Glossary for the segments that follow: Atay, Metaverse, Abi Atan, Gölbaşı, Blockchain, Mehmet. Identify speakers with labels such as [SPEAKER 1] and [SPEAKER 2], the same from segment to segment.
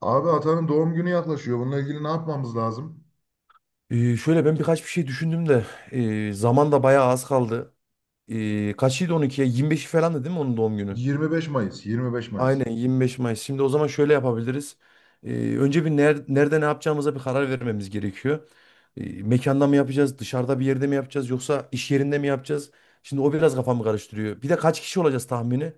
[SPEAKER 1] Abi Atan'ın doğum günü yaklaşıyor. Bununla ilgili ne yapmamız lazım?
[SPEAKER 2] Şöyle ben birkaç bir şey düşündüm de, zaman da bayağı az kaldı. Kaçıydı 12'ye? 25'i falandı değil mi onun doğum günü?
[SPEAKER 1] 25 Mayıs, 25 Mayıs.
[SPEAKER 2] Aynen 25 Mayıs. Şimdi o zaman şöyle yapabiliriz. Önce bir nerede ne yapacağımıza bir karar vermemiz gerekiyor. Mekanda mı yapacağız, dışarıda bir yerde mi yapacağız yoksa iş yerinde mi yapacağız? Şimdi o biraz kafamı karıştırıyor. Bir de kaç kişi olacağız tahmini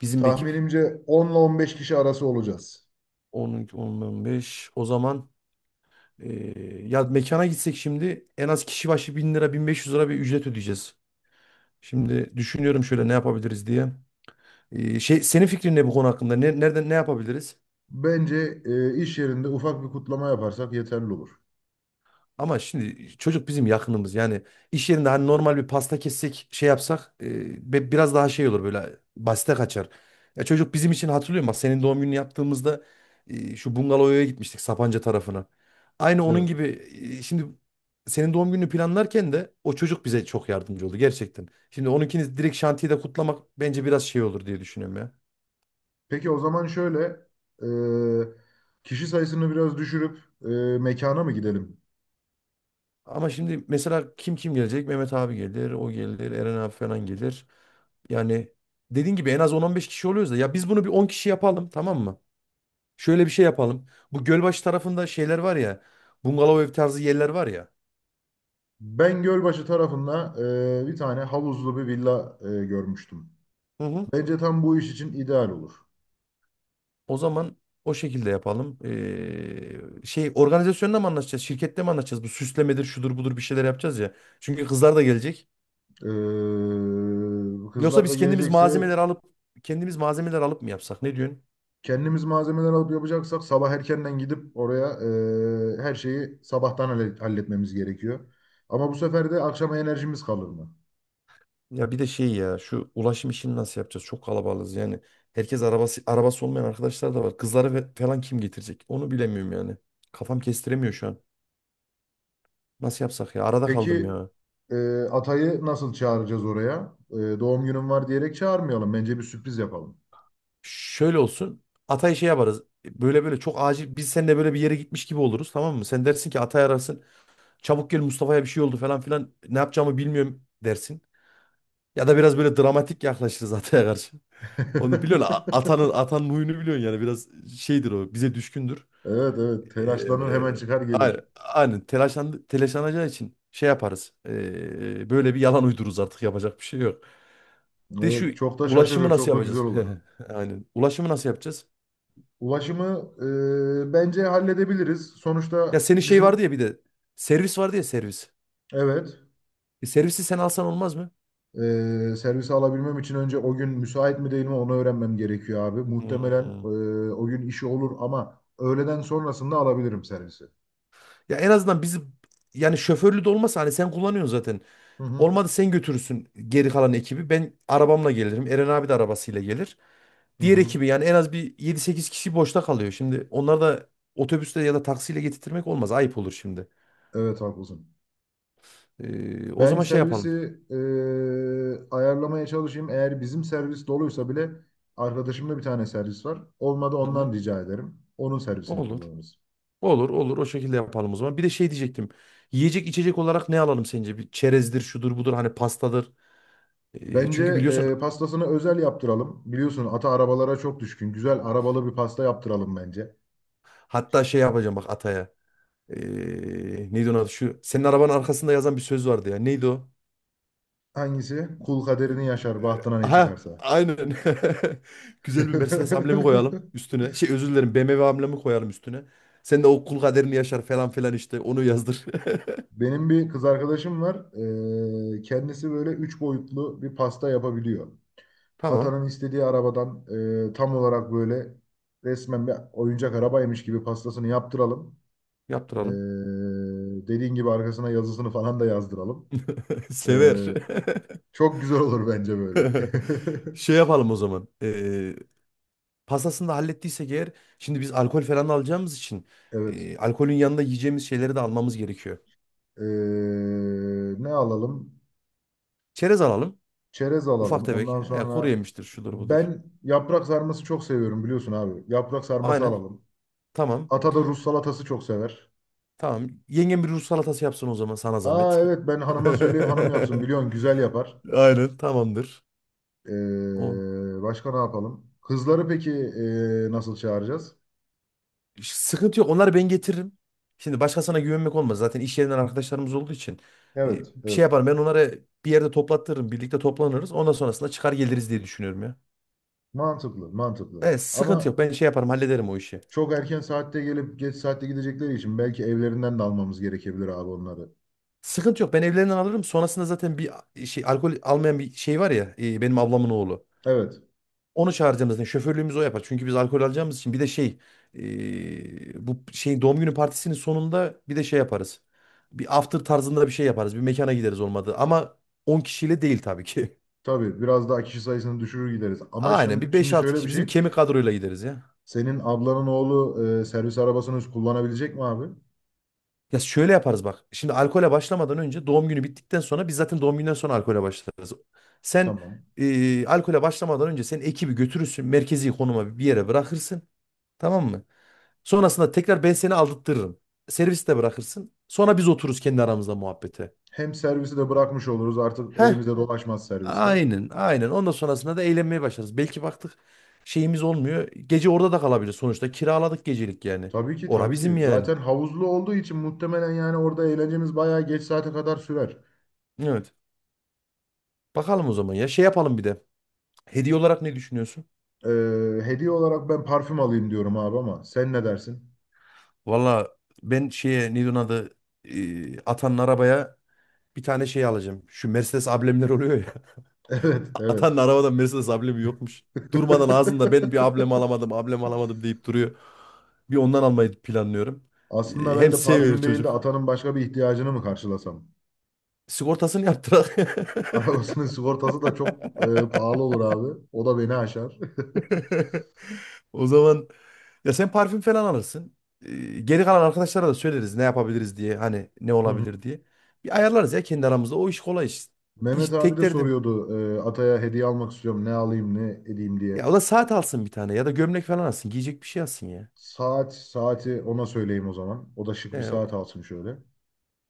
[SPEAKER 2] bizim ekip?
[SPEAKER 1] Tahminimce 10 ile 15 kişi arası olacağız.
[SPEAKER 2] 10, 10, 15. O zaman ya mekana gitsek, şimdi en az kişi başı 1.000 lira 1.500 lira bir ücret ödeyeceğiz. Şimdi düşünüyorum şöyle ne yapabiliriz diye. Şey, senin fikrin ne bu konu hakkında? Ne, nereden ne yapabiliriz?
[SPEAKER 1] Bence iş yerinde ufak bir kutlama yaparsak yeterli olur.
[SPEAKER 2] Ama şimdi çocuk bizim yakınımız. Yani iş yerinde hani normal bir pasta kessek, şey yapsak biraz daha şey olur, böyle basite kaçar. Ya çocuk bizim için, hatırlıyor musun? Bak, senin doğum gününü yaptığımızda şu bungalovaya gitmiştik Sapanca tarafına. Aynı onun
[SPEAKER 1] Evet.
[SPEAKER 2] gibi şimdi senin doğum gününü planlarken de o çocuk bize çok yardımcı oldu gerçekten. Şimdi onunkini direkt şantiyede kutlamak bence biraz şey olur diye düşünüyorum ya.
[SPEAKER 1] Peki o zaman şöyle, e, kişi sayısını biraz düşürüp mekana mı gidelim?
[SPEAKER 2] Ama şimdi mesela kim kim gelecek? Mehmet abi gelir, o gelir, Eren abi falan gelir. Yani dediğin gibi en az 10 beş kişi oluyoruz da, ya biz bunu bir 10 kişi yapalım, tamam mı? Şöyle bir şey yapalım. Bu Gölbaşı tarafında şeyler var ya. Bungalov ev tarzı yerler var ya.
[SPEAKER 1] Ben Gölbaşı tarafında bir tane havuzlu bir villa görmüştüm.
[SPEAKER 2] Hı hı.
[SPEAKER 1] Bence tam bu iş için ideal olur.
[SPEAKER 2] O zaman o şekilde yapalım. Şey, organizasyonla mı anlaşacağız? Şirkette mi anlaşacağız? Bu süslemedir, şudur budur, bir şeyler yapacağız ya. Çünkü kızlar da gelecek. Yoksa
[SPEAKER 1] Kızlar da
[SPEAKER 2] biz
[SPEAKER 1] gelecekse
[SPEAKER 2] kendimiz malzemeler alıp mı yapsak? Ne diyorsun?
[SPEAKER 1] kendimiz malzemeler alıp yapacaksak sabah erkenden gidip oraya her şeyi sabahtan halletmemiz gerekiyor. Ama bu sefer de akşama enerjimiz kalır mı?
[SPEAKER 2] Ya bir de şey ya, şu ulaşım işini nasıl yapacağız? Çok kalabalığız yani. Herkes arabası olmayan arkadaşlar da var. Kızları falan kim getirecek? Onu bilemiyorum yani. Kafam kestiremiyor şu an. Nasıl yapsak ya? Arada kaldım
[SPEAKER 1] Peki
[SPEAKER 2] ya.
[SPEAKER 1] e, Atay'ı nasıl çağıracağız oraya? Doğum günüm var diyerek çağırmayalım. Bence bir sürpriz yapalım.
[SPEAKER 2] Şöyle olsun. Ata'yı şey yaparız. Böyle böyle çok acil biz seninle böyle bir yere gitmiş gibi oluruz, tamam mı? Sen dersin ki, Atay ararsın. Çabuk gel, Mustafa'ya bir şey oldu falan filan. Ne yapacağımı bilmiyorum dersin. Ya da biraz böyle dramatik yaklaşırız Atay'a karşı. Onu biliyorsun. A- Atanın atanın huyunu biliyorsun, yani biraz şeydir o. Bize düşkündür.
[SPEAKER 1] Evet evet, telaşlanır hemen
[SPEAKER 2] Eee,
[SPEAKER 1] çıkar
[SPEAKER 2] a-
[SPEAKER 1] gelir.
[SPEAKER 2] aynen telaşlanacağı için şey yaparız. Böyle bir yalan uydururuz artık, yapacak bir şey yok. De şu
[SPEAKER 1] Evet, çok da
[SPEAKER 2] ulaşımı
[SPEAKER 1] şaşırır
[SPEAKER 2] nasıl
[SPEAKER 1] çok da güzel
[SPEAKER 2] yapacağız?
[SPEAKER 1] olur.
[SPEAKER 2] Aynen. Ulaşımı nasıl yapacağız?
[SPEAKER 1] Ulaşımı bence halledebiliriz.
[SPEAKER 2] Ya
[SPEAKER 1] Sonuçta
[SPEAKER 2] senin şey vardı
[SPEAKER 1] bizim
[SPEAKER 2] ya, bir de servis vardı ya, servis.
[SPEAKER 1] evet
[SPEAKER 2] Servisi sen alsan olmaz mı?
[SPEAKER 1] Servise alabilmem için önce o gün müsait mi değil mi onu öğrenmem gerekiyor abi. Muhtemelen
[SPEAKER 2] Hmm.
[SPEAKER 1] o gün işi olur ama öğleden sonrasında alabilirim servisi.
[SPEAKER 2] Ya en azından bizi, yani şoförlü de olmasa hani sen kullanıyorsun zaten.
[SPEAKER 1] Hı hı.
[SPEAKER 2] Olmadı sen götürürsün geri kalan ekibi. Ben arabamla gelirim. Eren abi de arabasıyla gelir.
[SPEAKER 1] Hı
[SPEAKER 2] Diğer
[SPEAKER 1] hı.
[SPEAKER 2] ekibi yani en az bir yedi sekiz kişi boşta kalıyor. Şimdi onları da otobüsle ya da taksiyle getirtmek olmaz. Ayıp olur şimdi.
[SPEAKER 1] Evet haklısın.
[SPEAKER 2] O
[SPEAKER 1] Ben
[SPEAKER 2] zaman şey
[SPEAKER 1] servisi
[SPEAKER 2] yapalım.
[SPEAKER 1] ayarlamaya çalışayım. Eğer bizim servis doluysa bile arkadaşımda bir tane servis var. Olmadı
[SPEAKER 2] Hı hı.
[SPEAKER 1] ondan rica ederim. Onun servisini
[SPEAKER 2] Olur.
[SPEAKER 1] kullanırız.
[SPEAKER 2] Olur olur, o şekilde yapalım o zaman. Bir de şey diyecektim. Yiyecek içecek olarak ne alalım sence? Bir çerezdir, şudur budur, hani pastadır. Ee,
[SPEAKER 1] Bence
[SPEAKER 2] çünkü biliyorsun,
[SPEAKER 1] pastasını özel yaptıralım. Biliyorsun ata arabalara çok düşkün. Güzel arabalı bir pasta yaptıralım bence.
[SPEAKER 2] hatta şey yapacağım bak Atay'a. Ee, neydi onun adı? Şu senin arabanın arkasında yazan bir söz vardı ya. Neydi o?
[SPEAKER 1] Hangisi? Kul kaderini yaşar, bahtına ne
[SPEAKER 2] Ha,
[SPEAKER 1] çıkarsa.
[SPEAKER 2] aynen. Güzel bir Mercedes amblemi koyalım üstüne. Şey, özür dilerim, BMW amblemi koyalım üstüne. Sen de o kul kaderini yaşar falan filan işte onu yazdır.
[SPEAKER 1] Benim bir kız arkadaşım var. Kendisi böyle üç boyutlu bir pasta yapabiliyor.
[SPEAKER 2] Tamam,
[SPEAKER 1] Atanın istediği arabadan tam olarak böyle resmen bir oyuncak arabaymış gibi pastasını yaptıralım.
[SPEAKER 2] yaptıralım.
[SPEAKER 1] Dediğin gibi arkasına yazısını falan da yazdıralım. Ee,
[SPEAKER 2] Sever.
[SPEAKER 1] çok güzel olur bence böyle.
[SPEAKER 2] Şey yapalım o zaman. Pastasını da hallettiysek eğer, şimdi biz alkol falan da alacağımız için
[SPEAKER 1] Evet.
[SPEAKER 2] alkolün yanında yiyeceğimiz şeyleri de almamız gerekiyor.
[SPEAKER 1] Ne alalım?
[SPEAKER 2] Çerez alalım.
[SPEAKER 1] Çerez
[SPEAKER 2] Ufak
[SPEAKER 1] alalım.
[SPEAKER 2] tefek.
[SPEAKER 1] Ondan
[SPEAKER 2] He, kuru
[SPEAKER 1] sonra
[SPEAKER 2] yemiştir şudur budur.
[SPEAKER 1] ben yaprak sarması çok seviyorum biliyorsun abi. Yaprak sarması
[SPEAKER 2] Aynen.
[SPEAKER 1] alalım.
[SPEAKER 2] Tamam.
[SPEAKER 1] Ata da Rus salatası çok sever.
[SPEAKER 2] Tamam. Yengem bir ruj salatası yapsın o zaman, sana
[SPEAKER 1] Aa
[SPEAKER 2] zahmet.
[SPEAKER 1] evet, ben hanıma söyleyeyim hanım yapsın. Biliyorsun güzel yapar.
[SPEAKER 2] Aynen, tamamdır. O.
[SPEAKER 1] Başka ne yapalım? Kızları peki nasıl çağıracağız?
[SPEAKER 2] Sıkıntı yok. Onları ben getiririm. Şimdi başkasına güvenmek olmaz. Zaten iş yerinden arkadaşlarımız olduğu için. e,
[SPEAKER 1] Evet,
[SPEAKER 2] Bir şey
[SPEAKER 1] evet.
[SPEAKER 2] yaparım. Ben onları bir yerde toplattırırım. Birlikte toplanırız. Ondan sonrasında çıkar geliriz diye düşünüyorum ya.
[SPEAKER 1] Mantıklı, mantıklı.
[SPEAKER 2] Evet, sıkıntı yok.
[SPEAKER 1] Ama
[SPEAKER 2] Ben şey yaparım, hallederim o işi.
[SPEAKER 1] çok erken saatte gelip geç saatte gidecekleri için belki evlerinden de almamız gerekebilir abi onları.
[SPEAKER 2] Sıkıntı yok. Ben evlerinden alırım. Sonrasında zaten bir şey, alkol almayan bir şey var ya. Benim ablamın oğlu.
[SPEAKER 1] Evet,
[SPEAKER 2] Onu çağıracağımız ne? Şoförlüğümüzü o yapar. Çünkü biz alkol alacağımız için bir de şey, bu şey doğum günü partisinin sonunda bir de şey yaparız. Bir after tarzında bir şey yaparız. Bir mekana gideriz olmadı. Ama 10 kişiyle değil tabii ki.
[SPEAKER 1] tabii biraz daha kişi sayısını düşürür gideriz. Ama
[SPEAKER 2] Aynen, bir
[SPEAKER 1] şimdi,
[SPEAKER 2] beş
[SPEAKER 1] şimdi
[SPEAKER 2] altı
[SPEAKER 1] şöyle
[SPEAKER 2] kişi
[SPEAKER 1] bir
[SPEAKER 2] bizim
[SPEAKER 1] şey.
[SPEAKER 2] kemik kadroyla gideriz ya.
[SPEAKER 1] Senin ablanın oğlu servis arabasını kullanabilecek mi abi?
[SPEAKER 2] Ya şöyle yaparız bak. Şimdi alkole başlamadan önce, doğum günü bittikten sonra, biz zaten doğum günden sonra alkole başlarız. Sen
[SPEAKER 1] Tamam.
[SPEAKER 2] alkole başlamadan önce sen ekibi götürürsün. Merkezi konuma bir yere bırakırsın. Tamam mı? Sonrasında tekrar ben seni aldırtırım. Serviste bırakırsın. Sonra biz otururuz kendi aramızda muhabbete.
[SPEAKER 1] Hem servisi de bırakmış oluruz, artık
[SPEAKER 2] Heh,
[SPEAKER 1] elimizde dolaşmaz serviste.
[SPEAKER 2] aynen, aynen. Ondan sonrasında da eğlenmeye başlarız. Belki baktık şeyimiz olmuyor, gece orada da kalabilir. Sonuçta kiraladık gecelik yani.
[SPEAKER 1] Tabii ki
[SPEAKER 2] Ora
[SPEAKER 1] tabii ki.
[SPEAKER 2] bizim yani.
[SPEAKER 1] Zaten havuzlu olduğu için muhtemelen yani orada eğlencemiz bayağı geç saate kadar sürer.
[SPEAKER 2] Evet. Bakalım o zaman ya. Şey yapalım bir de. Hediye olarak ne düşünüyorsun?
[SPEAKER 1] Hediye olarak ben parfüm alayım diyorum abi ama sen ne dersin?
[SPEAKER 2] Valla, ben şeye, neydi onun adı? Atanın arabaya bir tane şey alacağım. Şu Mercedes amblemler oluyor,
[SPEAKER 1] Evet evet.
[SPEAKER 2] Atanın arabadan Mercedes ablemi yokmuş. Durmadan ağzında "Ben bir ablem alamadım, ablem alamadım" deyip duruyor. Bir ondan almayı planlıyorum.
[SPEAKER 1] Aslında
[SPEAKER 2] Hem
[SPEAKER 1] ben de
[SPEAKER 2] seviyor
[SPEAKER 1] parfüm değil de
[SPEAKER 2] çocuk.
[SPEAKER 1] atanın başka bir ihtiyacını mı karşılasam?
[SPEAKER 2] Sigortasını yaptırak.
[SPEAKER 1] Arabasının sigortası da çok pahalı olur abi. O da beni aşar.
[SPEAKER 2] O zaman ya sen parfüm falan alırsın. Ee, Geri kalan arkadaşlara da söyleriz ne yapabiliriz diye. Hani ne
[SPEAKER 1] Hı hı.
[SPEAKER 2] olabilir diye. Bir ayarlarız ya kendi aramızda. O iş kolay iş. İş
[SPEAKER 1] Mehmet abi
[SPEAKER 2] tek
[SPEAKER 1] de
[SPEAKER 2] derdim.
[SPEAKER 1] soruyordu, Atay'a hediye almak istiyorum ne alayım ne edeyim diye.
[SPEAKER 2] Ya o da saat alsın bir tane, ya da gömlek falan alsın. Giyecek bir şey alsın ya.
[SPEAKER 1] Saat, saati ona söyleyeyim o zaman. O da şık bir
[SPEAKER 2] Ee,
[SPEAKER 1] saat alsın şöyle.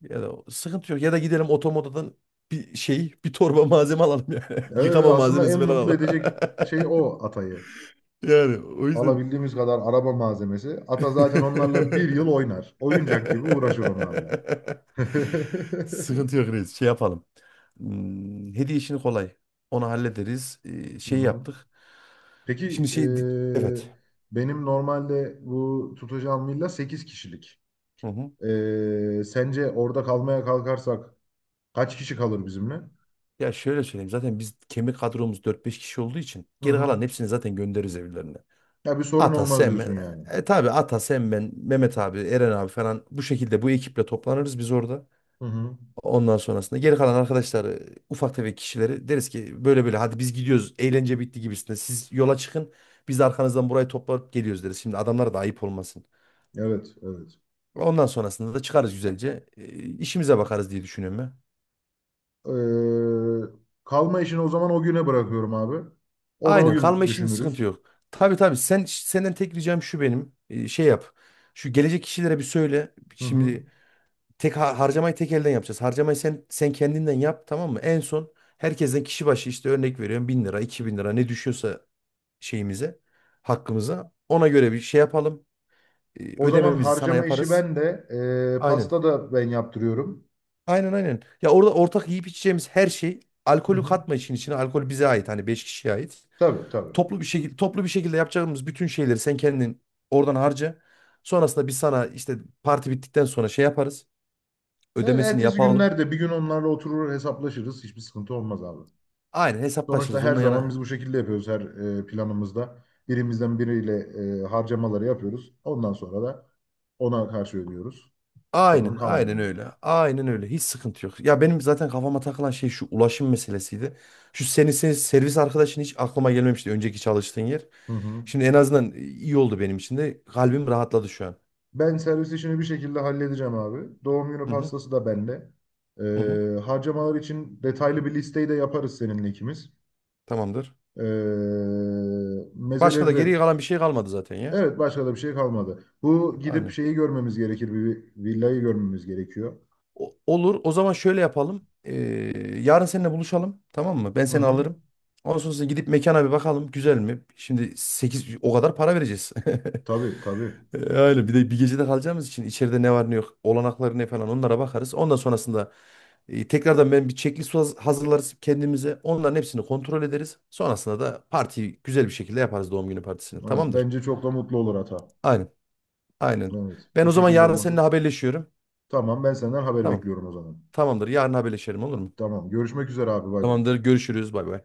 [SPEAKER 2] Ya da sıkıntı yok. Ya da gidelim otomodadan bir şey, bir torba malzeme alalım yani.
[SPEAKER 1] Evet evet,
[SPEAKER 2] Yıkama
[SPEAKER 1] aslında
[SPEAKER 2] malzemesi
[SPEAKER 1] en
[SPEAKER 2] falan
[SPEAKER 1] mutlu
[SPEAKER 2] alalım.
[SPEAKER 1] edecek şey o Atay'ı.
[SPEAKER 2] Yani o yüzden.
[SPEAKER 1] Alabildiğimiz kadar araba malzemesi. Ata zaten onlarla bir yıl oynar. Oyuncak gibi uğraşır onlarla. Hı
[SPEAKER 2] Sıkıntı yok reis. Şey yapalım. Hmm, hediye işini kolay. Onu hallederiz. Şey
[SPEAKER 1] hı.
[SPEAKER 2] yaptık.
[SPEAKER 1] Peki
[SPEAKER 2] Şimdi
[SPEAKER 1] eee,
[SPEAKER 2] Evet.
[SPEAKER 1] benim normalde bu tutacağım villa 8 kişilik.
[SPEAKER 2] Hı hı.
[SPEAKER 1] Sence orada kalmaya kalkarsak kaç kişi kalır bizimle?
[SPEAKER 2] Ya şöyle söyleyeyim. Zaten biz kemik kadromuz dört beş kişi olduğu için
[SPEAKER 1] Hı
[SPEAKER 2] geri
[SPEAKER 1] hı.
[SPEAKER 2] kalan hepsini zaten göndeririz evlerine.
[SPEAKER 1] Ya bir sorun
[SPEAKER 2] Ata,
[SPEAKER 1] olmaz
[SPEAKER 2] Sem,
[SPEAKER 1] diyorsun yani.
[SPEAKER 2] tabii Ata, Sem, ben, Mehmet abi, Eren abi falan, bu şekilde bu ekiple toplanırız biz orada.
[SPEAKER 1] Hı hı.
[SPEAKER 2] Ondan sonrasında geri kalan arkadaşlar, ufak tefek kişileri deriz ki böyle böyle hadi biz gidiyoruz, eğlence bitti gibisinde siz yola çıkın, biz de arkanızdan burayı toplayıp geliyoruz deriz. Şimdi adamlara da ayıp olmasın.
[SPEAKER 1] Evet, evet.
[SPEAKER 2] Ondan sonrasında da çıkarız güzelce, işimize bakarız diye düşünüyorum ben.
[SPEAKER 1] Ee, kalma işini o zaman o güne bırakıyorum abi. Onu o
[SPEAKER 2] Aynen,
[SPEAKER 1] gün
[SPEAKER 2] kalma işinde sıkıntı
[SPEAKER 1] düşünürüz.
[SPEAKER 2] yok. Tabii tabii, sen senden tek ricam şu, benim şey yap. Şu gelecek kişilere bir söyle.
[SPEAKER 1] Hı hı.
[SPEAKER 2] Şimdi tek harcamayı tek elden yapacağız. Harcamayı sen kendinden yap, tamam mı? En son herkesten kişi başı, işte örnek veriyorum 1.000 lira, 2.000 lira ne düşüyorsa şeyimize, hakkımıza, ona göre bir şey yapalım. Ee,
[SPEAKER 1] O zaman
[SPEAKER 2] Ödememizi sana
[SPEAKER 1] harcama işi
[SPEAKER 2] yaparız.
[SPEAKER 1] ben de
[SPEAKER 2] Aynen.
[SPEAKER 1] pasta da ben yaptırıyorum.
[SPEAKER 2] Aynen aynen. Ya orada ortak yiyip içeceğimiz her şey,
[SPEAKER 1] Hı
[SPEAKER 2] alkolü
[SPEAKER 1] hı.
[SPEAKER 2] katma işin içine. Alkol bize ait, hani 5 kişiye ait.
[SPEAKER 1] Tabii tabii.
[SPEAKER 2] Toplu bir şekilde toplu bir şekilde yapacağımız bütün şeyleri sen kendin oradan harca. Sonrasında biz sana işte parti bittikten sonra şey yaparız,
[SPEAKER 1] Ya
[SPEAKER 2] ödemesini
[SPEAKER 1] ertesi
[SPEAKER 2] yapalım.
[SPEAKER 1] günlerde bir gün onlarla oturur hesaplaşırız. Hiçbir sıkıntı olmaz abi.
[SPEAKER 2] Aynen,
[SPEAKER 1] Sonuçta
[SPEAKER 2] hesaplaşırız.
[SPEAKER 1] her
[SPEAKER 2] Onunla
[SPEAKER 1] zaman biz
[SPEAKER 2] yana.
[SPEAKER 1] bu şekilde yapıyoruz her planımızda. Birimizden biriyle harcamaları yapıyoruz. Ondan sonra da ona karşı ödüyoruz. Sorun
[SPEAKER 2] Aynen, aynen
[SPEAKER 1] kalmıyor.
[SPEAKER 2] öyle. Aynen öyle. Hiç sıkıntı yok. Ya benim zaten kafama takılan şey şu ulaşım meselesiydi. Şu senin servis arkadaşın hiç aklıma gelmemişti, önceki çalıştığın yer.
[SPEAKER 1] Hı hı.
[SPEAKER 2] Şimdi en azından iyi oldu benim için de. Kalbim rahatladı şu an.
[SPEAKER 1] Ben servis işini bir şekilde halledeceğim abi. Doğum günü
[SPEAKER 2] Hı hı,
[SPEAKER 1] pastası da bende.
[SPEAKER 2] hı hı.
[SPEAKER 1] Harcamalar için detaylı bir listeyi de yaparız seninle ikimiz.
[SPEAKER 2] Tamamdır.
[SPEAKER 1] Ee,
[SPEAKER 2] Başka
[SPEAKER 1] mezeleri
[SPEAKER 2] da geriye
[SPEAKER 1] de...
[SPEAKER 2] kalan bir şey kalmadı zaten ya.
[SPEAKER 1] Evet başka da bir şey kalmadı. Bu gidip
[SPEAKER 2] Aynen.
[SPEAKER 1] şeyi görmemiz gerekir. Bir villayı görmemiz gerekiyor.
[SPEAKER 2] Olur. O zaman şöyle yapalım. Yarın seninle buluşalım. Tamam mı? Ben
[SPEAKER 1] Hı
[SPEAKER 2] seni
[SPEAKER 1] hı.
[SPEAKER 2] alırım. Ondan sonra gidip mekana bir bakalım. Güzel mi? Şimdi 8 o kadar para vereceğiz.
[SPEAKER 1] Tabii tabii.
[SPEAKER 2] Öyle bir de bir gecede kalacağımız için içeride ne var ne yok, olanakları ne falan, onlara bakarız. Ondan sonrasında tekrardan ben bir checklist hazırlarız kendimize. Onların hepsini kontrol ederiz. Sonrasında da partiyi güzel bir şekilde yaparız, doğum günü partisini.
[SPEAKER 1] Evet,
[SPEAKER 2] Tamamdır.
[SPEAKER 1] bence çok da mutlu olur hata.
[SPEAKER 2] Aynen. Aynen.
[SPEAKER 1] Evet
[SPEAKER 2] Ben
[SPEAKER 1] bu
[SPEAKER 2] o zaman
[SPEAKER 1] şekilde
[SPEAKER 2] yarın
[SPEAKER 1] olması.
[SPEAKER 2] seninle haberleşiyorum.
[SPEAKER 1] Tamam, ben senden haber
[SPEAKER 2] Tamam.
[SPEAKER 1] bekliyorum o zaman.
[SPEAKER 2] Tamamdır. Yarın haberleşelim, olur mu?
[SPEAKER 1] Tamam, görüşmek üzere abi, bay bay.
[SPEAKER 2] Tamamdır. Görüşürüz. Bay bay.